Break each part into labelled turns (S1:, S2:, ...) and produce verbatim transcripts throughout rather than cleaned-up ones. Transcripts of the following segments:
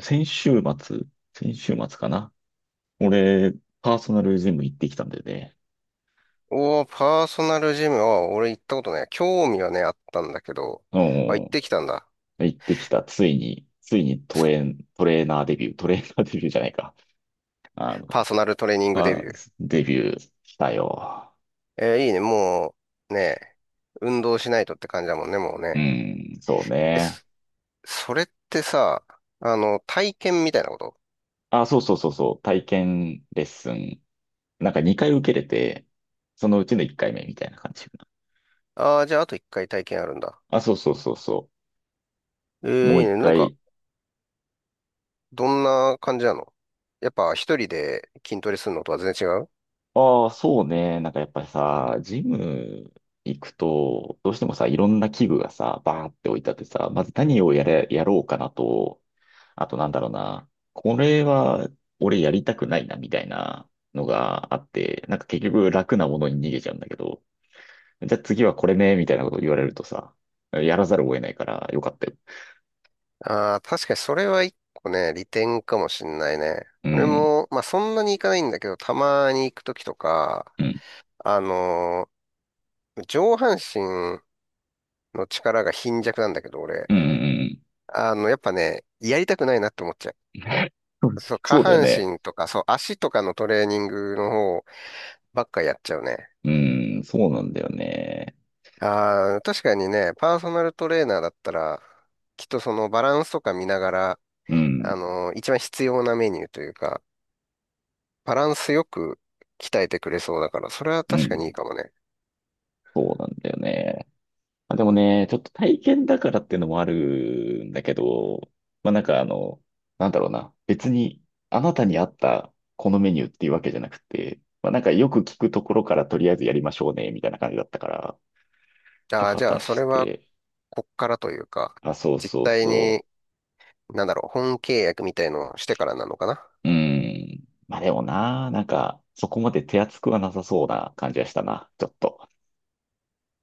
S1: 先週末、先週末かな。俺、パーソナルジム行ってきたんだよね。
S2: おー、パーソナルジムは、俺行ったことない。興味はね、あったんだけど、
S1: う
S2: あ、行っ
S1: ん。
S2: てきたんだ。
S1: 行ってきた。ついに、ついにトレーン、トレーナーデビュー、トレーナーデビューじゃないか。あの、
S2: パーソナルトレーニングデ
S1: パ
S2: ビュー。
S1: ーデビューしたよ。
S2: えーいいね。もう、ね、運動しないとって感じだもんね、もう
S1: う
S2: ね。
S1: ん、そう
S2: え、
S1: ね。
S2: そそれってさ、あの、体験みたいなこと？
S1: あ、そうそうそうそう、体験レッスン。なんかにかい受けれて、そのうちのいっかいめみたいな感じかな。
S2: ああー、じゃああと一回体験あるんだ。
S1: あ、そうそうそうそ
S2: え
S1: う。も
S2: ーい
S1: う
S2: い
S1: 1
S2: ね。なんか、
S1: 回
S2: どんな感じなの？やっぱ一人で筋トレするのとは全然違う？
S1: ああ、そうね。なんかやっぱりさ、ジム行くと、どうしてもさ、いろんな器具がさ、バーって置いてあってさ、まず何をやれ、やろうかなと、あとなんだろうな、これは俺やりたくないな、みたいなのがあって、なんか結局楽なものに逃げちゃうんだけど、じゃあ次はこれね、みたいなこと言われるとさ、やらざるを得ないからよかったよ。
S2: ああ、確かにそれは一個ね、利点かもしんないね。
S1: う
S2: 俺
S1: ん、
S2: も、まあそんなに行かないんだけど、たまに行くときとか、
S1: うん、
S2: あのー上半身の力が貧弱なんだけど、俺。
S1: うん、うん。
S2: あの、やっぱね、やりたくないなって思っちゃ
S1: うん、
S2: う。そう、下
S1: そうだよ
S2: 半
S1: ね。
S2: 身とか、そう、足とかのトレーニングの方ばっかやっちゃうね。
S1: うん、そうなんだよね。
S2: ああ、確かにね、パーソナルトレーナーだったら、きっとそのバランスとか見ながら、
S1: うん、
S2: あのー一番必要なメニューというか、バランスよく鍛えてくれそうだから、それは
S1: う
S2: 確か
S1: ん。
S2: にいいかもね。
S1: そうなんだよね。あ、でもね、ちょっと体験だからっていうのもあるんだけど、まあなんかあの、なんだろうな、別にあなたに合ったこのメニューっていうわけじゃなくて、まあなんかよく聞くところからとりあえずやりましょうね、みたいな感じだったから、ちょ、
S2: ああ、
S1: 果
S2: じゃ
S1: た
S2: あ、それ
S1: し
S2: は
S1: て、
S2: こっからというか、
S1: あ、そう
S2: 実
S1: そう
S2: 態
S1: そ
S2: に、なんだろう、本契約みたいのをしてからなのかな。
S1: う。うーん。まあでもな、なんかそこまで手厚くはなさそうな感じがしたな、ちょっと。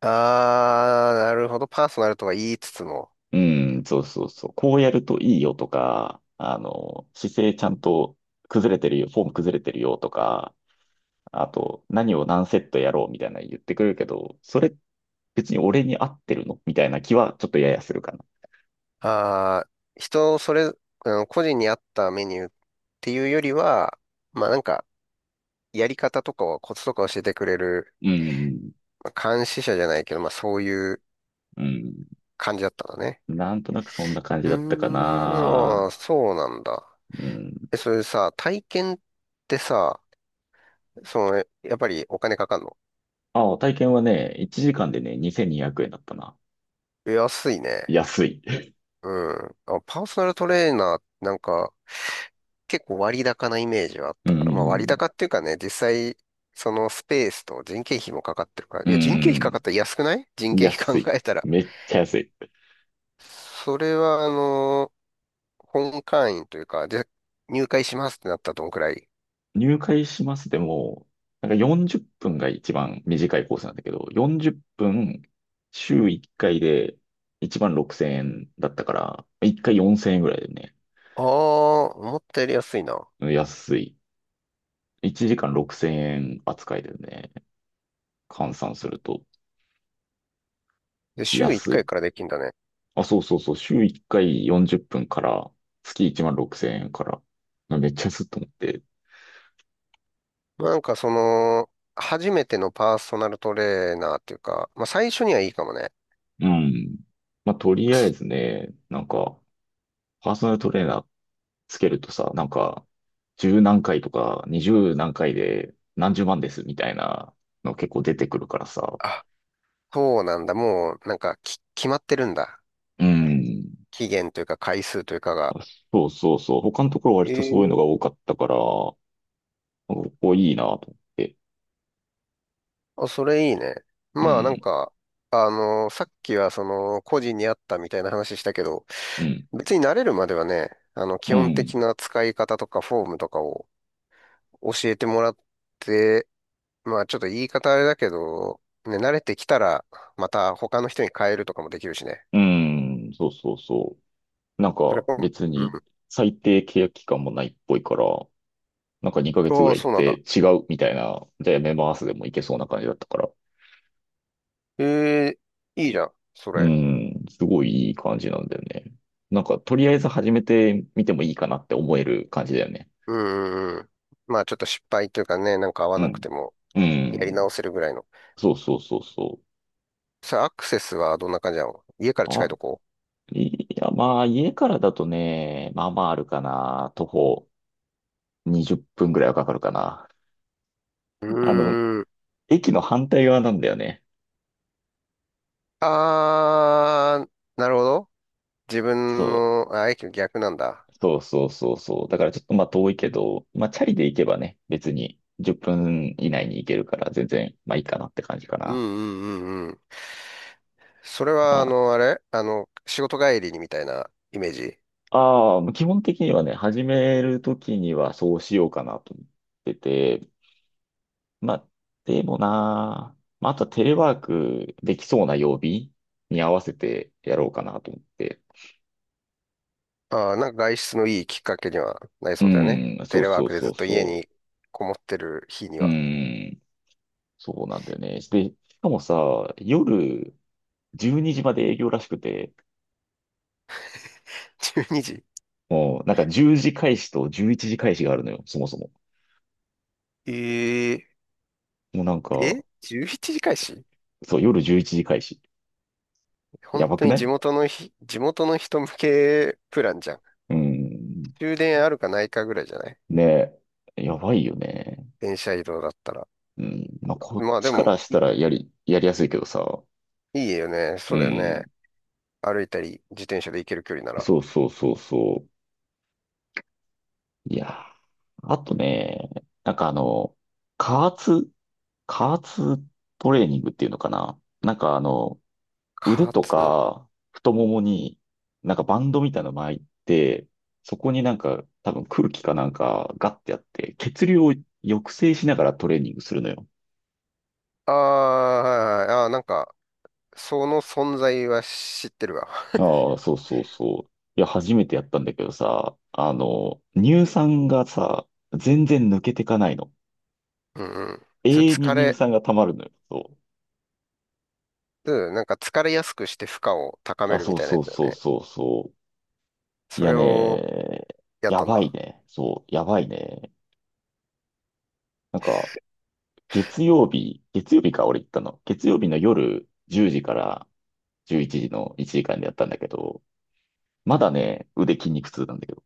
S2: ああ、なるほど。パーソナルとは言いつつも、
S1: うん、そうそうそう。こうやるといいよとか、あの、姿勢ちゃんと崩れてるよ、フォーム崩れてるよとか、あと、何を何セットやろうみたいなの言ってくるけど、それ別に俺に合ってるのみたいな気はちょっとややするかな。
S2: ああ、人それ、うん、個人に合ったメニューっていうよりは、まあなんか、やり方とかをコツとか教えてくれる、
S1: うん、
S2: まあ監視者じゃないけど、まあそういう
S1: うん。
S2: 感じだったんだね。
S1: なんとなくそんな感じ
S2: うー
S1: だったか
S2: ん、あ
S1: な。
S2: ーそうなんだ。
S1: うん。
S2: え、それさ、体験ってさ、その、やっぱりお金かかんの？
S1: あ、体験はね、いちじかんでね、にせんにひゃくえんだったな。
S2: 安いね。
S1: 安い。
S2: うん。あ、パーソナルトレーナーなんか結構割高なイメージはあっ
S1: う
S2: たから、まあ割
S1: ん、
S2: 高っていうかね、実際そのスペースと人件費もかかってるから、い
S1: う
S2: や人件費かかっ
S1: ん、
S2: たら安くない。人件費考
S1: 安い。
S2: えたら。
S1: めっちゃ安い。
S2: それはあのー本会員というか、で、入会しますってなったらどんくらい？
S1: 入会しますでも、なんかよんじゅっぷんが一番短いコースなんだけど、よんじゅっぷん週いっかいでいちまんろくせんえんだったから、いっかいよんせんえんぐらいでね、
S2: ああー、思ったより安いな。
S1: 安い。いちじかんろくせんえん扱いでね、換算すると
S2: で、週1
S1: 安
S2: 回かい
S1: い。
S2: からできんだね。
S1: あ、そうそうそう、週いっかいよんじゅっぷんから、月いちまんろくせんえんから、めっちゃ安いと思って。
S2: なんかその、初めてのパーソナルトレーナーっていうか、まあ最初にはいいかもね。
S1: うん。まあ、とりあえず
S2: そ
S1: ね、なんか、パーソナルトレーナーつけるとさ、なんか、十何回とか、二十何回で何十万ですみたいなの結構出てくるからさ。
S2: あ、そうなんだ。もう、なんか、き、決まってるんだ。
S1: うん。
S2: 期限というか回数というかが。
S1: あ、そうそうそう。他のところ割とそういうの
S2: え
S1: が
S2: え、
S1: 多かったから、なんかここいいなと思って。
S2: あ、それいいね。
S1: う
S2: まあなん
S1: ん、
S2: か、あの、さっきはその、個人にあったみたいな話したけど、
S1: うん、
S2: 別に慣れるまではね、あの、
S1: う
S2: 基本
S1: ん、
S2: 的な使い方とかフォームとかを教えてもらって、まあちょっと言い方あれだけど、ね、慣れてきたら、また他の人に変えるとかもできるしね。
S1: うん、そうそうそう。なん
S2: それ
S1: か
S2: こ、
S1: 別
S2: うん。
S1: に最低契約期間もないっぽいから、なんかにかげつぐ
S2: あ
S1: ら
S2: あ、
S1: い行っ
S2: そうなんだ。
S1: て違うみたいな、じゃあやめますでもいけそうな感じだったから。
S2: ええ、いいじゃん、そ
S1: う
S2: れ。
S1: ん、すごいいい感じなんだよね。なんか、とりあえず始めてみてもいいかなって思える感じだよね。
S2: うんうんうん。まあちょっと失敗というかね、なんか合わ
S1: う
S2: なく
S1: ん。
S2: ても、
S1: う
S2: やり直
S1: ん。
S2: せるぐらいの。
S1: そうそうそうそ
S2: さあ、アクセスはどんな感じなの？家
S1: う。
S2: から近い
S1: あ、
S2: とこ？
S1: いや、まあ、家からだとね、まあまああるかな。徒歩にじゅっぷんぐらいはかかるかな。
S2: う
S1: あの、
S2: ーん。
S1: 駅の反対側なんだよね。
S2: あー、なるほど。自
S1: そ
S2: 分の、あ、駅の逆なんだ。
S1: う。そうそうそうそう。だからちょっとまあ遠いけど、まあチャリで行けばね、別にじゅっぷん以内に行けるから全然まあいいかなって感じか
S2: うん
S1: な。
S2: うんうん。それ
S1: ま
S2: は、あ
S1: あ
S2: の、あれあの、仕事帰りにみたいなイメージ？
S1: ああ、基本的にはね、始めるときにはそうしようかなと思ってて、まあ、でもなあ、まあ、あとはテレワークできそうな曜日に合わせてやろうかなと思って。
S2: ああー、なんか外出のいいきっかけにはなり
S1: う
S2: そうだよね。
S1: ん、そ
S2: テ
S1: う
S2: レワー
S1: そう
S2: クで
S1: そ
S2: ずっ
S1: う
S2: と家
S1: そ
S2: にこもってる日に
S1: う。う
S2: は。
S1: ん、そうなんだよね。で、しかもさ、夜じゅうにじまで営業らしくて、
S2: じゅうにじ？
S1: もうなんかじゅうじ開始とじゅういちじ開始があるのよ、そもそも。
S2: ええ
S1: もうなん
S2: え
S1: か、
S2: ?じゅういち 時開始？
S1: そう、夜じゅういちじ開始。や
S2: 本
S1: ば
S2: 当
S1: く
S2: に
S1: な
S2: 地
S1: い？
S2: 元のひ、地元の人向けプランじゃん。
S1: うん。
S2: 終電あるかないかぐらいじゃない？
S1: ねえ、やばいよね。
S2: 電車移動だったら。
S1: うん。まあ、こっ
S2: まあで
S1: ちか
S2: も、
S1: らし
S2: い、
S1: たらやり、やりやすいけどさ。
S2: いいよね。そ
S1: う
S2: うだよね。
S1: ん。
S2: 歩いたり、自転車で行ける距離なら。
S1: そうそうそうそう。いやー、あとね、なんかあの、加圧、加圧トレーニングっていうのかな。なんかあの、腕
S2: か
S1: と
S2: つ、
S1: か太ももになんかバンドみたいなの巻いて、そこになんか多分空気かなんかガッてやって、血流を抑制しながらトレーニングするのよ。
S2: あーはいはいあー、なんか、その存在は知ってるわ。
S1: ああ、そうそうそう。いや、初めてやったんだけどさ、あの、乳酸がさ、全然抜けてかないの。
S2: うんうん。それ
S1: 永遠に
S2: 疲
S1: 乳
S2: れ、
S1: 酸が溜まるのよ。そ
S2: うん、なんか疲れやすくして負荷を高
S1: う。
S2: め
S1: あ、
S2: るみ
S1: そう
S2: たいな
S1: そ
S2: や
S1: う
S2: つだよ
S1: そう
S2: ね。
S1: そうそう。い
S2: そ
S1: や
S2: れを
S1: ね、
S2: やっ
S1: や
S2: たん
S1: ばい
S2: だ。
S1: ね。そう、やばいね。なんか、月曜日、月曜日か、俺行ったの。月曜日の夜じゅうじからじゅういちじのいちじかんでやったんだけど、まだね、腕筋肉痛なんだけど。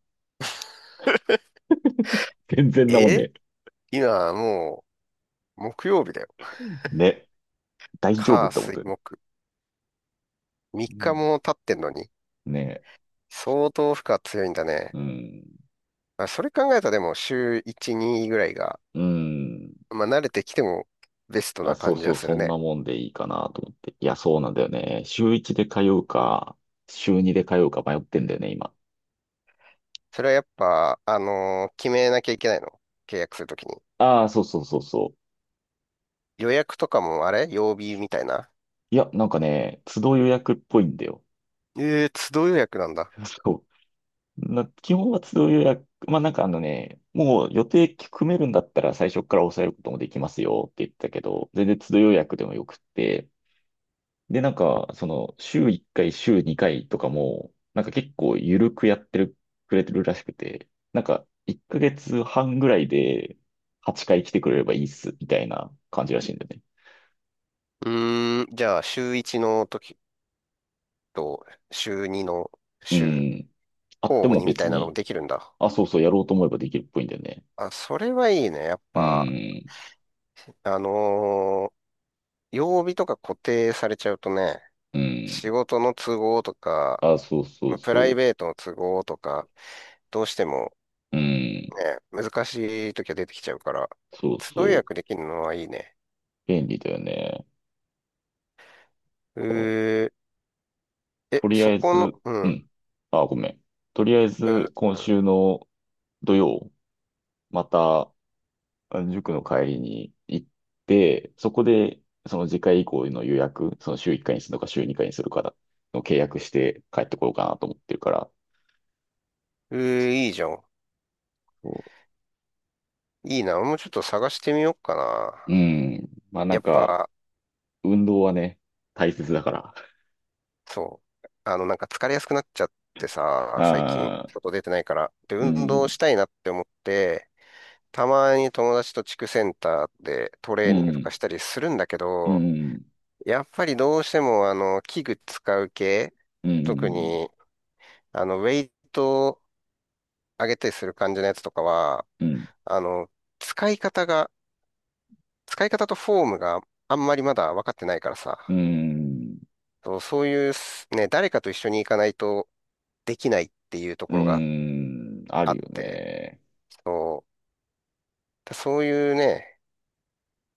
S1: 全然なもん
S2: え、
S1: ね。
S2: 今もう木曜日だよ。
S1: ね、大丈夫っ
S2: 火、
S1: て思っ
S2: 水、
S1: てる。
S2: 木。3
S1: う
S2: 日
S1: ん、
S2: も経ってんのに、
S1: ね、
S2: 相当負荷強いんだ
S1: う
S2: ね。
S1: ん。
S2: まあ、それ考えたらでも週いち、にぐらいが、
S1: うん。
S2: まあ慣れてきてもベスト
S1: あ、
S2: な
S1: そう
S2: 感じ
S1: そ
S2: は
S1: う、
S2: する
S1: そんな
S2: ね。
S1: もんでいいかなと思って。いや、そうなんだよね。週いちで通うか、週にで通うか迷ってんだよね、今。
S2: それはやっぱ、あのー決めなきゃいけないの？契約するときに。
S1: ああ、そうそうそうそう。
S2: 予約とかもあれ曜日みたいな？
S1: いや、なんかね、都度予約っぽいんだよ。
S2: ええー、都度予約なんだ。
S1: そう。な、基本は都度予約。まあ、なんかあのね、もう予定組めるんだったら最初から抑えることもできますよって言ってたけど、全然都度予約でもよくって、で、なんか、その、週いっかい、週にかいとかも、なんか結構緩くやってる、くれてるらしくて、なんか、いっかげつはんぐらいではちかい来てくれればいいっす、みたいな感じらしいんだよね。
S2: うーん、じゃあ、週いちの時と、週にの
S1: う
S2: 週、
S1: ん。あっ
S2: 交
S1: て
S2: 互
S1: も
S2: にみた
S1: 別
S2: いなのも
S1: に、
S2: できるんだ。
S1: あ、そうそう、やろうと思えばできるっぽいんだよね。
S2: あ、それはいいね。やっ
S1: う
S2: ぱ、
S1: ん。
S2: あのー曜日とか固定されちゃうとね、
S1: う
S2: 仕
S1: ん。
S2: 事の都合とか、
S1: あ、そうそ
S2: ま
S1: う
S2: あ、プライ
S1: そ
S2: ベートの都合とか、どうしても
S1: う。うん。
S2: ね、難しい時は出てきちゃうから、
S1: そう
S2: 都度予
S1: そう。
S2: 約できるのはいいね。
S1: 便利だよね。こう、
S2: えー、え、
S1: とり
S2: そ
S1: あえ
S2: こ
S1: ず、
S2: の、う
S1: う
S2: ん、
S1: ん。あ、ごめん。とりあえ
S2: う
S1: ず、
S2: ん、
S1: 今週の土曜、また、塾の帰りに行って、そこで、その次回以降の予約、その週いっかいにするのか週にかいにするかの契約して帰ってこようかなと思ってるから。
S2: うん、えー、いいじゃん。
S1: そ
S2: いいな。俺もうちょっと探してみようかな。
S1: う。うん。まあな
S2: や
S1: ん
S2: っ
S1: か、
S2: ぱ、
S1: 運動はね、大切だから。
S2: そう。あの、なんか疲れやすくなっちゃってさ、最近、
S1: ああ、
S2: 外出てないから。で、
S1: う
S2: 運
S1: ん、
S2: 動したいなって思って、たまに友達と地区センターでト
S1: う
S2: レーニングとか
S1: ん、
S2: したりするんだけ
S1: う
S2: ど、
S1: ん、
S2: やっぱりどうしても、あの、器具使う系、
S1: う
S2: 特
S1: ん、
S2: に、あの、ウェイトを上げたりする感じのやつとかは、
S1: うん、
S2: あの、使い方が、使い方とフォームがあんまりまだ分かってないからさ、
S1: うん、
S2: そうそういうすね、誰かと一緒に行かないとできないっていうと
S1: う
S2: ころが
S1: ん、あ
S2: あ
S1: る
S2: っ
S1: よ
S2: て、
S1: ね。
S2: そう、そういうね、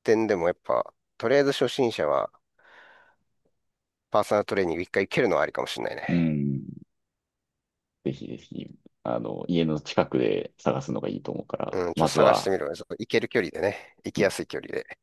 S2: 点でもやっぱ、とりあえず初心者はパーソナルトレーニング一回行けるのはありかもしれない
S1: う
S2: ね。
S1: ん。ぜひぜひ、あの、家の近くで探すのがいいと思うから、
S2: うん、ちょっと
S1: まず
S2: 探して
S1: は、
S2: みるわ。ちょっと行ける距離でね、行
S1: う
S2: きや
S1: ん。
S2: すい距離で。